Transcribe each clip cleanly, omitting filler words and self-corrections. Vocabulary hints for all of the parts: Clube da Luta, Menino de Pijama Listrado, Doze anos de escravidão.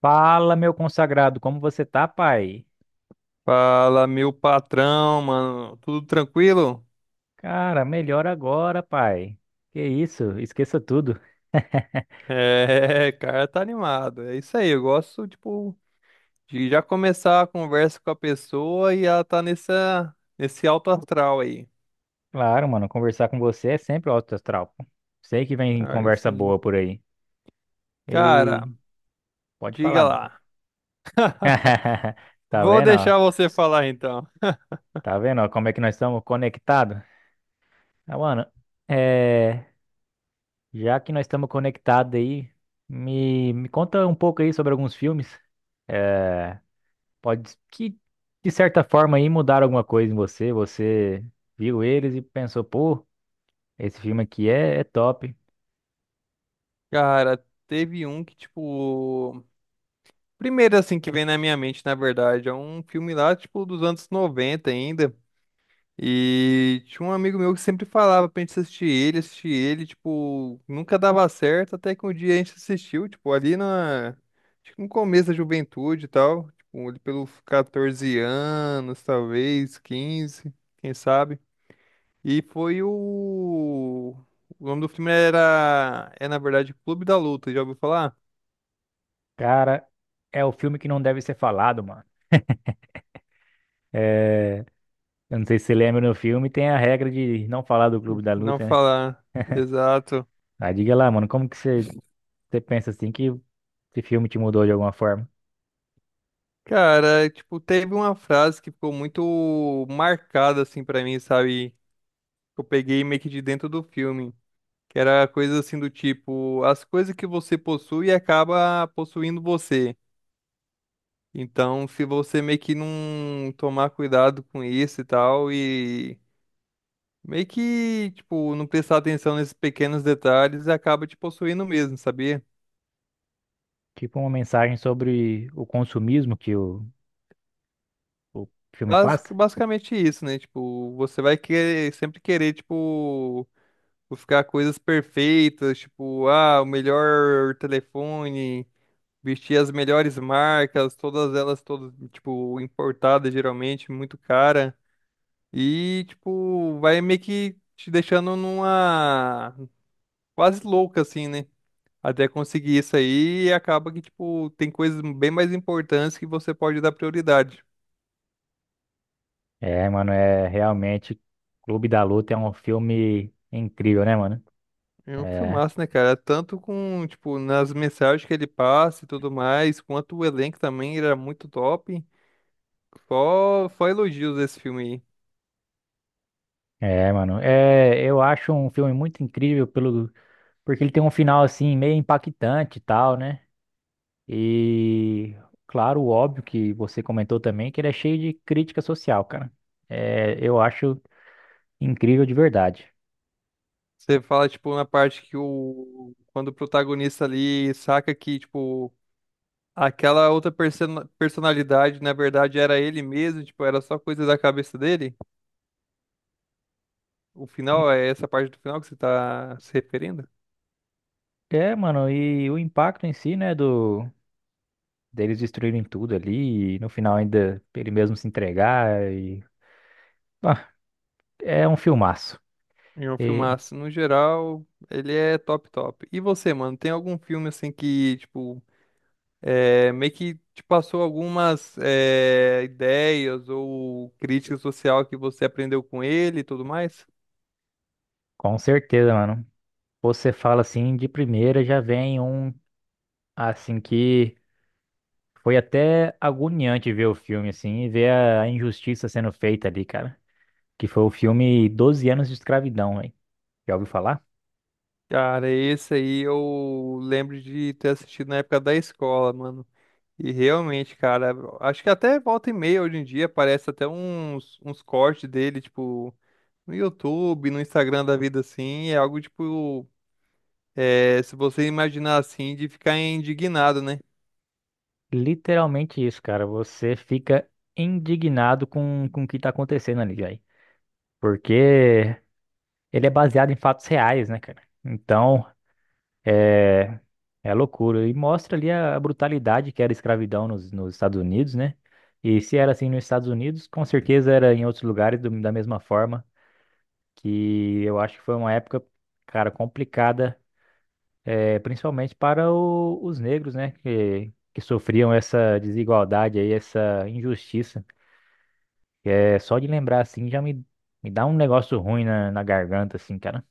Fala, meu consagrado, como você tá, pai? Fala, meu patrão, mano. Tudo tranquilo? Cara, melhor agora, pai. Que isso, esqueça tudo. É, cara, tá animado. É isso aí. Eu gosto, tipo, de já começar a conversa com a pessoa e ela tá nesse alto astral aí. Claro, mano, conversar com você é sempre um alto astral. Pô, sei que vem Aí, conversa sim. boa por aí. Cara, E pode diga falar, mano. lá. Tá Vou vendo, ó? deixar você falar então. Tá vendo, ó, como é que nós estamos conectados? Ah, mano, é... já que nós estamos conectados aí, me conta um pouco aí sobre alguns filmes. É, Pode que, de certa forma, aí mudaram alguma coisa em você. Você viu eles e pensou, pô, esse filme aqui é top. Cara, teve um que, tipo, primeiro, assim, que vem na minha mente, na verdade, é um filme lá, tipo, dos anos 90 ainda. E tinha um amigo meu que sempre falava pra gente assistir ele, tipo, nunca dava certo, até que um dia a gente assistiu, tipo, acho que no começo da juventude e tal, tipo, ali pelos 14 anos, talvez, 15 quem sabe. E foi o... O nome do filme era, é na verdade, Clube da Luta, já ouviu falar? Cara, é o filme que não deve ser falado, mano. É, eu não sei se você lembra no filme, tem a regra de não falar do Clube da Não Luta, né? falar, exato. Ah, diga lá, mano, como que você pensa assim que esse filme te mudou de alguma forma? Cara, tipo, teve uma frase que ficou muito marcada, assim, pra mim, sabe? Eu peguei meio que de dentro do filme. Que era coisa assim do tipo, as coisas que você possui acaba possuindo você. Então, se você meio que não tomar cuidado com isso e tal, e meio que, tipo, não prestar atenção nesses pequenos detalhes, acaba te possuindo mesmo, sabia? Tipo uma mensagem sobre o consumismo que o filme passa? Basicamente isso, né? Tipo, você vai querer, sempre querer, tipo, buscar coisas perfeitas, tipo, ah, o melhor telefone, vestir as melhores marcas, todas elas, todas, tipo, importadas geralmente, muito cara. E, tipo, vai meio que te deixando numa quase louca, assim, né? Até conseguir isso aí, e acaba que, tipo, tem coisas bem mais importantes que você pode dar prioridade. É, mano, é realmente Clube da Luta é um filme incrível, né, mano? É um É, filmaço, né, cara? Tanto com, tipo, nas mensagens que ele passa e tudo mais, quanto o elenco também era muito top. Só elogios desse filme aí. mano, é, eu acho um filme muito incrível porque ele tem um final assim meio impactante e tal, né? E claro, óbvio que você comentou também que ele é cheio de crítica social, cara. É, eu acho incrível de verdade. Você fala, tipo, na parte Quando o protagonista ali saca que, tipo, aquela outra personalidade, na verdade, era ele mesmo, tipo, era só coisa da cabeça dele. O final, é essa parte do final que você tá se referindo? É, mano, e o impacto em si, né, do deles destruírem tudo ali e no final ainda ele mesmo se entregar e ah, é um filmaço. É um E filmaço. No geral, ele é top, top. E você, mano, tem algum filme, assim, que, tipo, meio que te passou algumas ideias ou crítica social que você aprendeu com ele e tudo mais? com certeza, mano. Você fala assim de primeira já vem assim que foi até agoniante ver o filme, assim, e ver a injustiça sendo feita ali, cara. Que foi o filme Doze anos de escravidão, velho. Já ouviu falar? Cara, esse aí eu lembro de ter assistido na época da escola, mano. E realmente, cara, acho que até volta e meia hoje em dia aparece até uns cortes dele, tipo, no YouTube, no Instagram da vida assim. É algo tipo, se você imaginar assim, de ficar indignado, né? Literalmente isso, cara. Você fica indignado com o que tá acontecendo ali, velho. Porque ele é baseado em fatos reais, né, cara? Então, é, é loucura. E mostra ali a brutalidade que era a escravidão nos Estados Unidos, né? E se era assim nos Estados Unidos, com certeza era em outros lugares da mesma forma. Que eu acho que foi uma época, cara, complicada, principalmente para os negros, né, que sofriam essa desigualdade aí, essa injustiça. É, só de lembrar assim me dá um negócio ruim na garganta, assim, cara.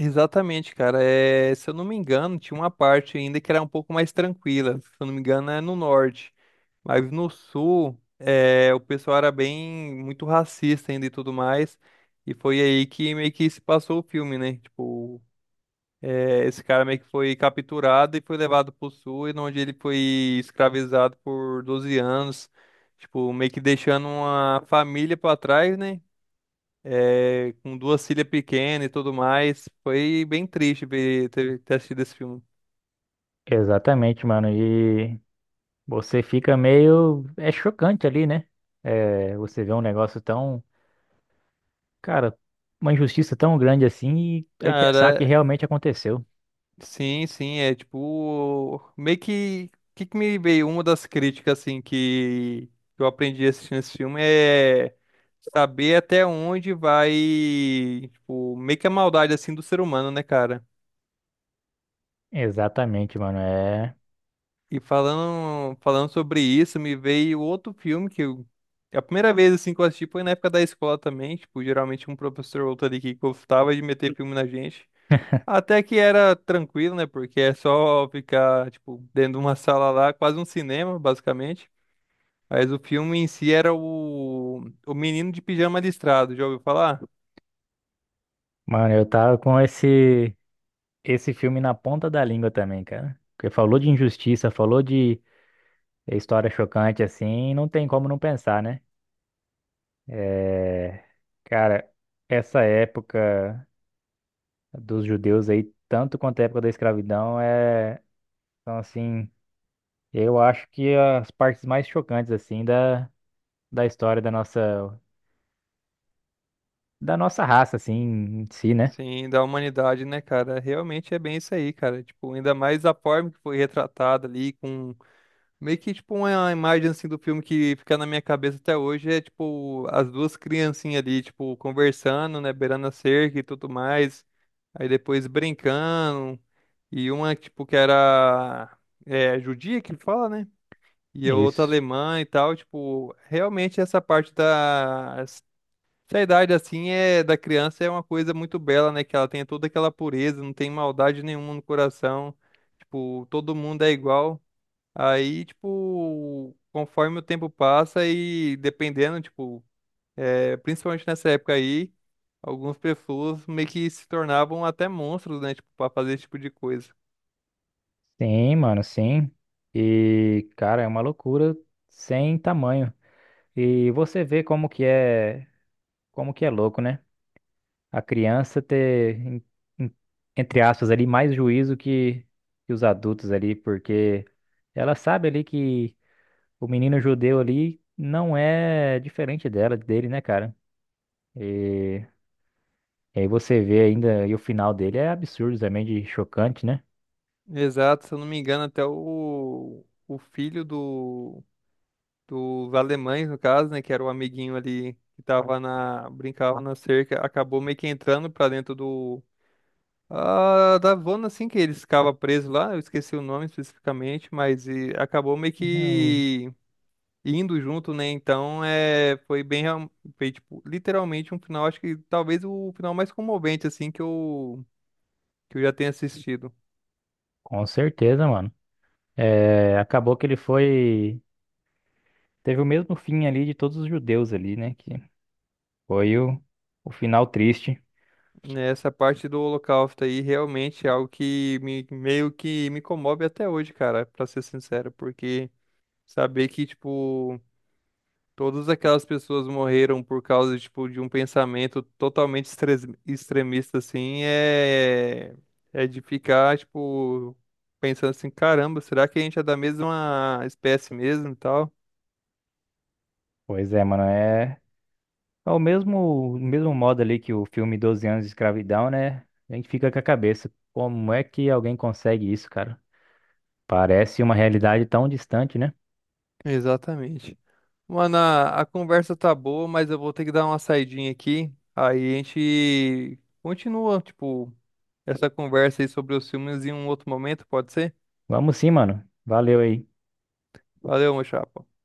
Exatamente, cara. É, se eu não me engano, tinha uma parte ainda que era um pouco mais tranquila. Se eu não me engano, é no norte. Mas no sul, o pessoal era bem muito racista ainda e tudo mais. E foi aí que meio que se passou o filme, né? Tipo, esse cara meio que foi capturado e foi levado pro sul, e onde ele foi escravizado por 12 anos. Tipo, meio que deixando uma família pra trás, né? Com duas filhas pequenas e tudo mais. Foi bem triste ver, ter assistido esse filme. Exatamente, mano, e você fica meio, é chocante ali, né? Você vê um negócio tão, cara, uma injustiça tão grande assim e aí pensar Cara, que realmente aconteceu. sim, sim, é tipo. Meio que. Que me veio? Uma das críticas, assim, que eu aprendi assistindo esse filme é saber até onde vai, tipo, meio que a maldade, assim, do ser humano, né, cara? Exatamente, mano, E falando sobre isso, me veio outro filme que eu, a primeira vez assim que eu assisti foi na época da escola também, tipo, geralmente um professor ou outro ali que gostava de meter filme na gente. Até que era tranquilo, né? Porque é só ficar, tipo, dentro de uma sala lá, quase um cinema, basicamente. Mas o filme em si era o Menino de Pijama Listrado, já ouviu falar? mano, eu tava com esse filme na ponta da língua também, cara. Porque falou de injustiça, falou de história chocante, assim, não tem como não pensar, né? É, cara, essa época dos judeus aí, tanto quanto a época da escravidão, é. Então, assim, eu acho que as partes mais chocantes, assim, da história da nossa raça, assim, em si, né? Sim, da humanidade, né, cara? Realmente é bem isso aí, cara. Tipo, ainda mais a forma que foi retratada ali com Meio que, tipo, uma imagem, assim, do filme que fica na minha cabeça até hoje é, tipo, as duas criancinhas ali, tipo, conversando, né, beirando a cerca e tudo mais. Aí depois brincando. E uma, tipo, que era judia que fala, né? E a outra Isso. alemã e tal. Tipo, realmente essa Essa idade, assim, é da criança é uma coisa muito bela, né? Que ela tem toda aquela pureza, não tem maldade nenhuma no coração. Tipo, todo mundo é igual. Aí, tipo, conforme o tempo passa e dependendo, tipo, principalmente nessa época aí, algumas pessoas meio que se tornavam até monstros, né, tipo, pra fazer esse tipo de coisa. Sim, mano, sim. E, cara, é uma loucura sem tamanho. E você vê como que é louco, né? A criança ter, em- entre aspas, ali mais juízo que os adultos ali, porque ela sabe ali que o menino judeu ali não é diferente dela, dele, né, cara? E, e aí você vê ainda, e o final dele é absurdo também, de chocante, né? Exato, se eu não me engano, até o filho do, dos alemães, no caso, né, que era o amiguinho ali que brincava na cerca, acabou meio que entrando pra dentro da zona, assim, que eles ficavam presos lá, eu esqueci o nome especificamente, mas acabou meio Eu- que indo junto, né? Então, foi bem, foi, tipo, literalmente um final, acho que talvez o final mais comovente, assim, que eu já tenha assistido. Com certeza, mano. É, acabou que ele foi, teve o mesmo fim ali de todos os judeus ali, né? Que foi o final triste. Né? Essa parte do Holocausto aí realmente é algo que meio que me comove até hoje, cara, pra ser sincero, porque saber que, tipo, todas aquelas pessoas morreram por causa, tipo, de um pensamento totalmente extremista, assim. É de ficar, tipo, pensando assim, caramba, será que a gente é da mesma espécie mesmo e tal? Pois é, mano, é o mesmo, modo ali que o filme Doze anos de escravidão, né? A gente fica com a cabeça, como é que alguém consegue isso, cara? Parece uma realidade tão distante, né? Exatamente. Mano, a conversa tá boa, mas eu vou ter que dar uma saidinha aqui. Aí a gente continua, tipo, essa conversa aí sobre os filmes em um outro momento, pode ser? Vamos sim, mano. Valeu aí. Valeu, meu chapa.